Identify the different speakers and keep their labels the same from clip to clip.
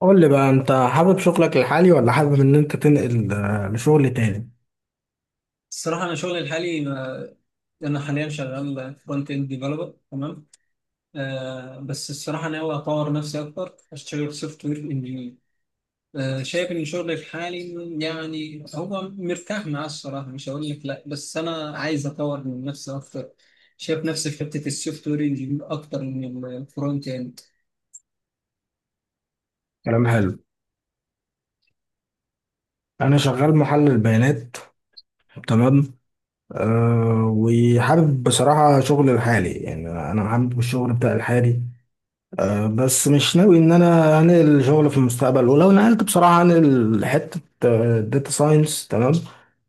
Speaker 1: قول لي بقى انت حابب شغلك الحالي ولا حابب ان انت تنقل لشغل تاني.
Speaker 2: الصراحة أنا شغلي الحالي أنا حاليا شغال فرونت إند ديفلوبر، تمام. بس الصراحة ناوي أطور نفسي أكتر، أشتغل سوفت وير إنجينير. شايف إن شغلي الحالي، يعني هو مرتاح معاه الصراحة، مش هقول لك لأ، بس أنا عايز أطور من نفسي أكتر. شايف نفسي في حتة السوفت وير إنجينير أكتر من الفرونت إند.
Speaker 1: كلام حلو. انا شغال محلل بيانات، تمام. وحابب بصراحة شغل الحالي، يعني انا حابب الشغل بتاع الحالي. بس مش ناوي ان انا انقل الشغل في المستقبل، ولو نقلت بصراحه انقل حته داتا ساينس، تمام.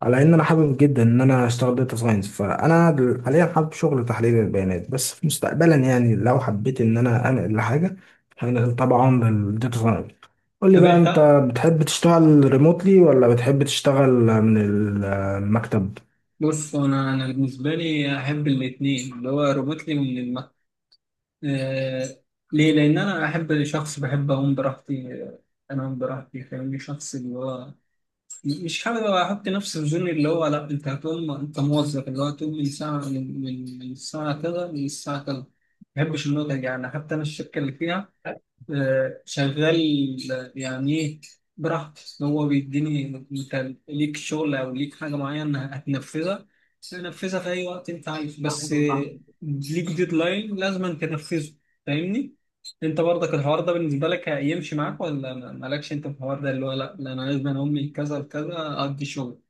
Speaker 1: على ان انا حابب جدا ان انا اشتغل داتا ساينس، فانا حاليا حابب شغل تحليل البيانات، بس في مستقبلا يعني لو حبيت ان انا انقل لحاجه هنقل طبعا للداتا ساينس. قول لي
Speaker 2: طب
Speaker 1: بقى انت
Speaker 2: أنت؟
Speaker 1: بتحب تشتغل ريموتلي ولا بتحب تشتغل من المكتب.
Speaker 2: بص، أنا بالنسبة لي أحب الاتنين، اللي هو ربطني من آه، ليه؟ لأن أنا أحب، شخص بحب أقوم براحتي، أنام براحتي، فاهمني، شخص اللي هو مش حابب أحط نفسي في زون، اللي هو لأ أنت هتقوم، أنت موظف اللي هو هتقوم من ساعة، من الساعة كذا للساعة كذا. ما بحبش النقطة دي، يعني حتى أنا الشركة اللي فيها شغال، يعني ايه، براحتي، إن هو بيديني انت ليك شغل او ليك حاجه معينه هتنفذها، تنفذها في اي وقت انت عايز، بس ليك ديدلاين لازم أن تنفذه، فاهمني. انت برضك الحوار ده بالنسبه لك هيمشي معاك، ولا مالكش انت في الحوار ده، اللي هو لا لا انا لازم أنا امي كذا وكذا ادي شغل؟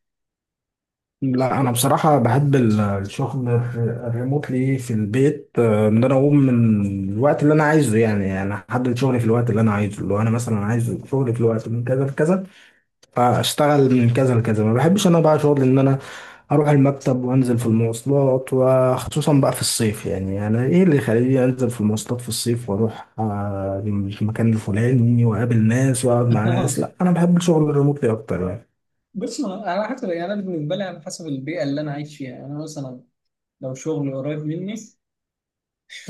Speaker 1: لا انا بصراحه بحب الشغل الريموتلي في البيت، ان انا اقوم من الوقت اللي انا عايزه، يعني انا احدد شغلي في الوقت اللي انا عايزه. لو انا مثلا عايز شغلي في الوقت من كذا لكذا فاشتغل من كذا لكذا. ما بحبش انا بقى شغل ان انا اروح المكتب وانزل في المواصلات، وخصوصا بقى في الصيف. يعني انا ايه اللي يخليني انزل في المواصلات في الصيف واروح المكان الفلاني واقابل ناس واقعد مع ناس؟ لا انا بحب الشغل الريموتلي اكتر يعني.
Speaker 2: بص، على حسب، يعني انا بالنسبه لي على حسب البيئه اللي انا عايش فيها. يعني انا مثلا لو شغل قريب مني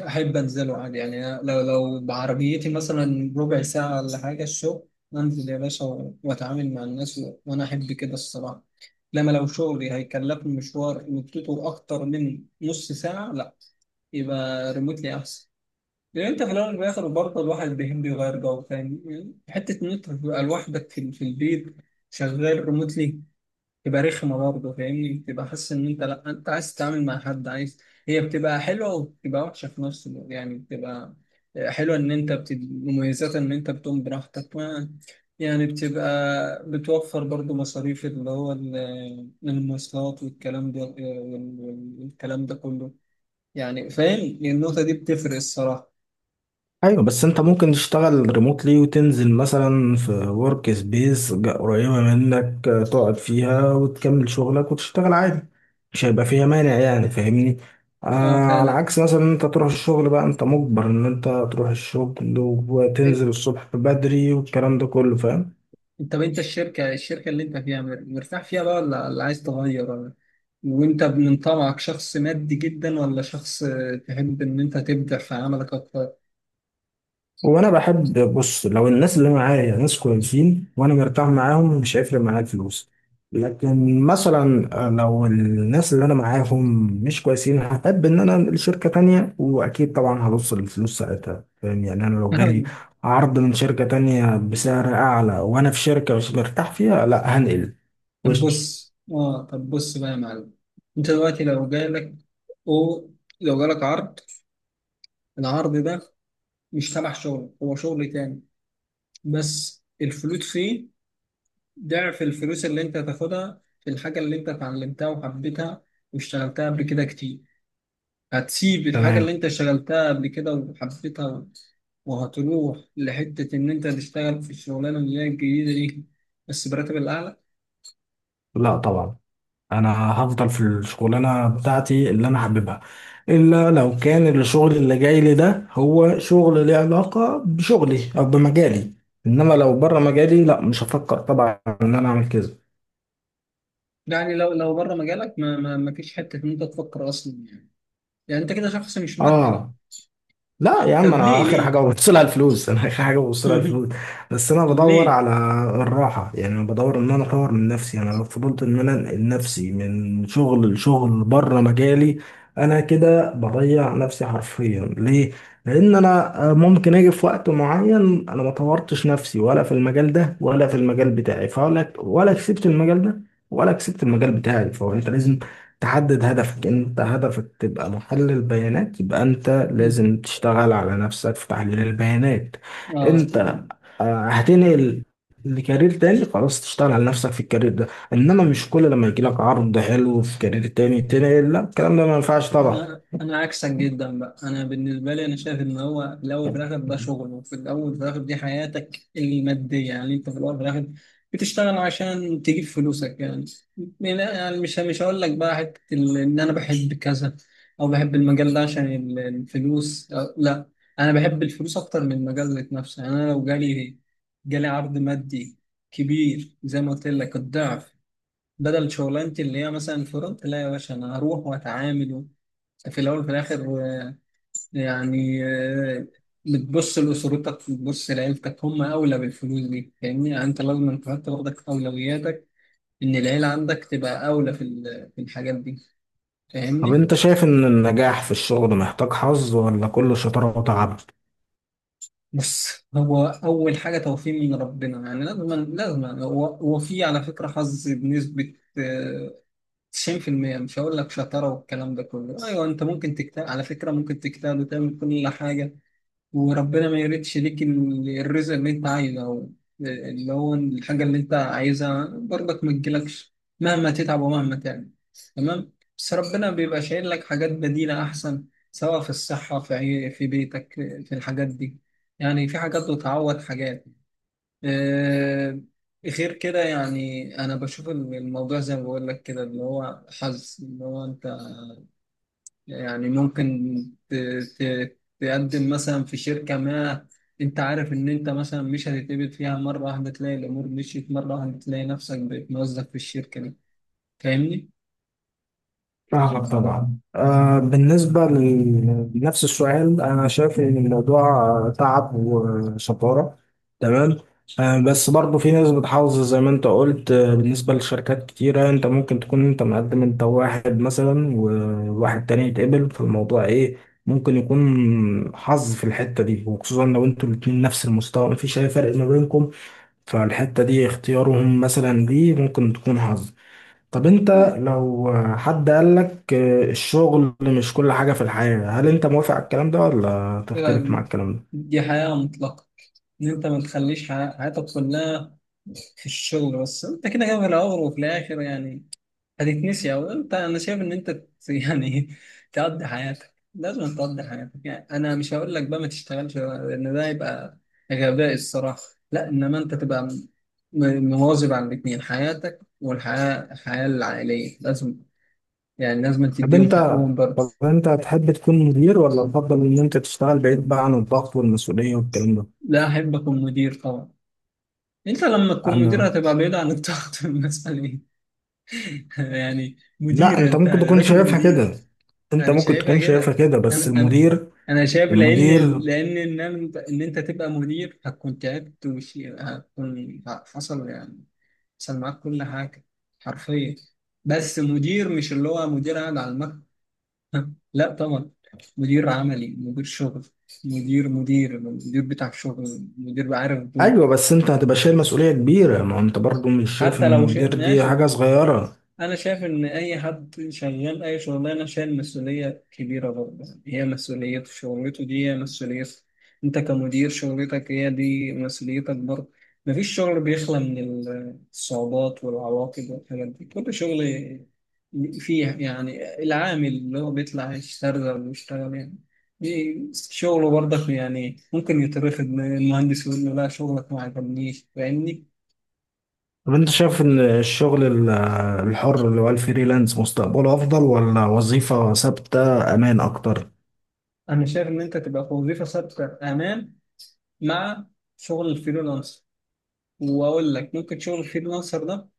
Speaker 2: أحب أنزله عادي. يعني أنا لو بعربيتي مثلا ربع ساعة ولا حاجة الشغل، أنزل يا باشا وأتعامل مع الناس، وأنا أحب كده الصراحة. لما لو شغلي هيكلفني مشوار مدته أكتر من نص ساعة، لأ، يبقى ريموتلي أحسن. لأن أنت في الأول والآخر برضه الواحد بيحب يغير جو، فاهم يعني، حتة إن أنت تبقى لوحدك في البيت شغال ريموتلي، تبقى رخمة برضه، فاهمني. بتبقى حاسس إن أنت لأ، أنت عايز تتعامل مع حد، عايز. هي بتبقى حلوة وبتبقى وحشة في نفس الوقت، يعني بتبقى حلوة إن أنت مميزاتها إن أنت بتقوم براحتك، ما يعني بتبقى بتوفر برضه مصاريف، اللي هو المواصلات والكلام ده، والكلام ده كله، يعني فاهم، النقطة دي بتفرق الصراحة.
Speaker 1: ايوه بس انت ممكن تشتغل ريموتلي وتنزل مثلا في ورك سبيس قريبه منك، تقعد فيها وتكمل شغلك وتشتغل عادي. مش هيبقى فيها مانع يعني، فاهمني. آه.
Speaker 2: اه
Speaker 1: على
Speaker 2: فعلا.
Speaker 1: عكس مثلا انت تروح الشغل، بقى انت مجبر ان انت تروح الشغل وتنزل الصبح بدري والكلام ده كله، فاهم.
Speaker 2: طب انت الشركة، اللي انت فيها مرتاح فيها بقى، ولا عايز تغير، ولا وانت من طبعك شخص مادي جدا، ولا شخص تحب ان انت تبدع في عملك اكتر؟
Speaker 1: وانا بحب، بص، لو الناس اللي معايا ناس كويسين وانا مرتاح معاهم مش هيفرق معايا الفلوس. لكن مثلا لو الناس اللي انا معاهم مش كويسين هحب ان انا انقل شركة تانية، واكيد طبعا هبص للفلوس ساعتها، فاهم يعني. انا لو جالي عرض من شركة تانية بسعر اعلى وانا في شركة مش مرتاح فيها، لا هنقل.
Speaker 2: طب
Speaker 1: وش.
Speaker 2: بص، اه، طب بص بقى يا معلم. انت دلوقتي لو جالك، او لو جالك عرض، العرض ده مش تبع شغل، هو شغل تاني، بس الفلوس فيه ضعف الفلوس اللي انت هتاخدها في الحاجة اللي انت اتعلمتها وحبيتها واشتغلتها قبل كده كتير. هتسيب الحاجة
Speaker 1: تمام.
Speaker 2: اللي انت اشتغلتها قبل كده وحبيتها، وهتروح لحتة إن أنت تشتغل في الشغلانة اللي هي الجديدة دي، بس براتب الأعلى؟
Speaker 1: لا طبعا، انا هفضل في الشغلانه بتاعتي اللي انا حاببها، الا لو كان الشغل اللي جاي لي ده هو شغل ليه علاقه بشغلي او بمجالي. انما لو بره مجالي لا مش هفكر طبعا ان انا اعمل كده.
Speaker 2: يعني لو بره مجالك، ما فيش حتة إن أنت تفكر أصلا، يعني يعني أنت كده شخص مش مادي؟ لا.
Speaker 1: اه. لا يا عم،
Speaker 2: طب ليه؟
Speaker 1: انا اخر حاجه
Speaker 2: ليه؟
Speaker 1: ببص لها الفلوس. انا اخر حاجه ببص لها الفلوس. بس انا بدور
Speaker 2: ليه؟
Speaker 1: على الراحه. يعني انا بدور ان انا اطور من نفسي. يعني انا لو فضلت ان انا انقل نفسي من شغل لشغل بره مجالي، انا كده بضيع نفسي حرفيا. ليه؟ لان انا ممكن اجي في وقت معين انا ما طورتش نفسي ولا في المجال ده ولا في المجال بتاعي، فولا ولا كسبت المجال ده ولا كسبت المجال بتاعي. فهو انت لازم تحدد هدفك. انت هدفك تبقى محلل بيانات، يبقى انت لازم تشتغل على نفسك في تحليل البيانات.
Speaker 2: آه.
Speaker 1: انت هتنقل لكارير تاني، خلاص تشتغل على نفسك في الكارير ده. انما مش كل لما يجي لك عرض حلو في كارير تاني تنقل، لا الكلام ده ما ينفعش طبعا.
Speaker 2: انا عكسك جدا بقى. انا بالنسبه لي انا شايف ان هو في الاول في الاخر ده شغل، وفي الاول في الاخر دي حياتك الماديه، يعني انت في الاول في الاخر بتشتغل عشان تجيب فلوسك. يعني يعني مش هقول لك بقى، حته ان انا بحب كذا او بحب المجال ده عشان الفلوس، أو لا، انا بحب الفلوس اكتر من المجال ذات نفسه. يعني انا لو جالي عرض مادي كبير زي ما قلت لك الضعف، بدل شغلانتي اللي هي مثلا فرونت، لا يا باشا، انا هروح واتعامل. في الأول وفي الآخر، يعني، بتبص لأسرتك، بتبص لعيلتك، هم أولى بالفلوس دي، فاهمني. يعني أنت لازم تحط برضك أولوياتك، إن العيلة عندك تبقى أولى في في الحاجات دي،
Speaker 1: طب
Speaker 2: فاهمني.
Speaker 1: انت شايف ان النجاح في الشغل محتاج حظ ولا كله شطارة وتعب؟
Speaker 2: بص، هو أول حاجة توفيق من ربنا. يعني لازم، هو، في على فكرة حظ بنسبة 90%. مش هقول لك شطارة والكلام ده كله. أيوه أنت ممكن تجتهد، على فكرة ممكن تجتهد وتعمل كل حاجة، وربنا ما يريدش ليك الرزق اللي انت عايزه، او اللي هو الحاجة اللي انت عايزها برضك ما تجيلكش، مهما تتعب ومهما تعمل. تمام. بس ربنا بيبقى شايل لك حاجات بديلة احسن، سواء في الصحة، في في بيتك، في الحاجات دي، يعني في حاجات بتعوض حاجات. آه، غير كده. يعني انا بشوف الموضوع زي ما بقول لك كده، اللي هو حظ، اللي هو انت يعني ممكن ت... ت... تقدم مثلا في شركة ما، انت عارف ان انت مثلا مش هتتقبل فيها، مرة واحدة تلاقي الامور مشيت، مرة واحدة تلاقي نفسك بقيت موظف في الشركة دي. فاهمني؟
Speaker 1: فاهمك طبعا. آه بالنسبة لنفس السؤال، أنا شايف إن الموضوع تعب وشطارة، تمام. آه بس برضه في ناس بتحافظ زي ما أنت قلت. آه بالنسبة لشركات كتيرة، أنت ممكن تكون أنت مقدم، أنت واحد مثلا وواحد تاني يتقبل في الموضوع، إيه، ممكن يكون حظ في الحتة دي، وخصوصا لو أنتوا الاتنين نفس المستوى مفيش أي فرق ما بينكم. فالحتة دي اختيارهم مثلا دي ممكن تكون حظ. طب انت لو حد قالك الشغل مش كل حاجة في الحياة، هل انت موافق على الكلام ده ولا تختلف
Speaker 2: يعني
Speaker 1: مع الكلام ده؟
Speaker 2: دي حياة مطلقة، ان انت ما تخليش حياتك كلها في الشغل بس. انت كده كده في الاول وفي الاخر، يعني هتتنسي، او انت انا شايف ان انت يعني تقضي حياتك، لازم تقضي حياتك. يعني انا مش هقول لك بقى ما تشتغلش، لان ده يبقى غباء الصراحه. لا، انما انت تبقى مواظب على الاثنين، حياتك والحياه، العائليه، لازم يعني لازم
Speaker 1: طب
Speaker 2: تديهم
Speaker 1: انت،
Speaker 2: حقهم برضه.
Speaker 1: طب انت تحب تكون مدير ولا تفضل ان انت تشتغل بعيد بقى عن الضغط والمسؤولية والكلام ده؟
Speaker 2: لا، احب اكون مدير طبعا. انت لما تكون مدير
Speaker 1: انا.
Speaker 2: هتبقى بعيد عن الضغط والمسؤوليه؟ يعني
Speaker 1: لا
Speaker 2: مدير،
Speaker 1: انت
Speaker 2: انت
Speaker 1: ممكن تكون
Speaker 2: راجل
Speaker 1: شايفها
Speaker 2: مدير.
Speaker 1: كده. انت
Speaker 2: انا
Speaker 1: ممكن
Speaker 2: شايفها
Speaker 1: تكون شايفها
Speaker 2: كده.
Speaker 1: كده،
Speaker 2: انا
Speaker 1: بس
Speaker 2: انا
Speaker 1: المدير
Speaker 2: انا شايف، لان،
Speaker 1: المدير
Speaker 2: ان انت، تبقى مدير، هتكون تعبت وش هتكون حصل، يعني حصل معاك كل حاجه حرفيا. بس مدير مش اللي هو مدير قاعد على المكتب لا طبعا. مدير عملي، مدير شغل، مدير مدير مدير بتاع شغل، مدير عارف الدور.
Speaker 1: ايوه بس انت هتبقى شايل مسؤولية كبيرة. ما انت برضو مش شايف
Speaker 2: حتى
Speaker 1: ان
Speaker 2: لو
Speaker 1: المدير
Speaker 2: شيء
Speaker 1: دي
Speaker 2: ماشي.
Speaker 1: حاجة صغيرة.
Speaker 2: انا شايف ان اي حد شغال اي شغلانه شايل مسؤوليه كبيره برضه. هي مسؤوليته، شغلته دي هي مسؤوليته. انت كمدير شغلتك هي دي مسؤوليتك برضه. مفيش شغل بيخلى من الصعوبات والعواقب والحاجات دي. كل شغل فيه، يعني العامل اللي هو بيطلع يشتغل ويشتغل، يعني شغله برضك، يعني ممكن يترفض من المهندس، يقول له لا شغلك ما عجبنيش. فاهمني.
Speaker 1: طب انت شايف ان الشغل الحر اللي هو الفريلانس مستقبله افضل ولا وظيفة ثابتة امان اكتر؟
Speaker 2: انا شايف ان انت تبقى في وظيفه ثابته امان، مع شغل الفريلانسر. واقول لك ممكن شغل الفريلانسر ده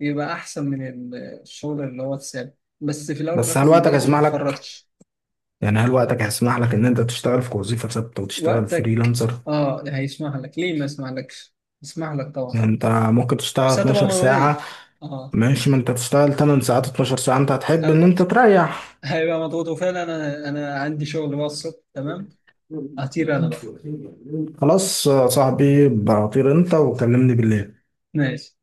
Speaker 2: يبقى احسن من الشغل اللي هو الثابت. بس في الاول وفي
Speaker 1: بس
Speaker 2: الاخر
Speaker 1: هل وقتك
Speaker 2: برضه
Speaker 1: هيسمح
Speaker 2: ما
Speaker 1: لك؟
Speaker 2: تفرطش.
Speaker 1: يعني هل وقتك هيسمح لك ان انت تشتغل في وظيفة ثابتة وتشتغل
Speaker 2: وقتك
Speaker 1: فريلانسر؟
Speaker 2: اه هيسمح لك، ليه ما يسمح لكش، يسمح لك طبعا.
Speaker 1: يعني انت ممكن تشتغل
Speaker 2: بس هتبقى
Speaker 1: 12 ساعة.
Speaker 2: مضغوط، اه.
Speaker 1: ماشي، ما انت تشتغل 8 ساعات، 12 ساعة انت هتحب ان
Speaker 2: هب-
Speaker 1: انت تريح.
Speaker 2: هيبقى مضغوط وفعلا. انا عندي شغل بقى الصبح. تمام، هطير انا بقى.
Speaker 1: خلاص يا صاحبي، بطير انت، وكلمني بالليل.
Speaker 2: ماشي.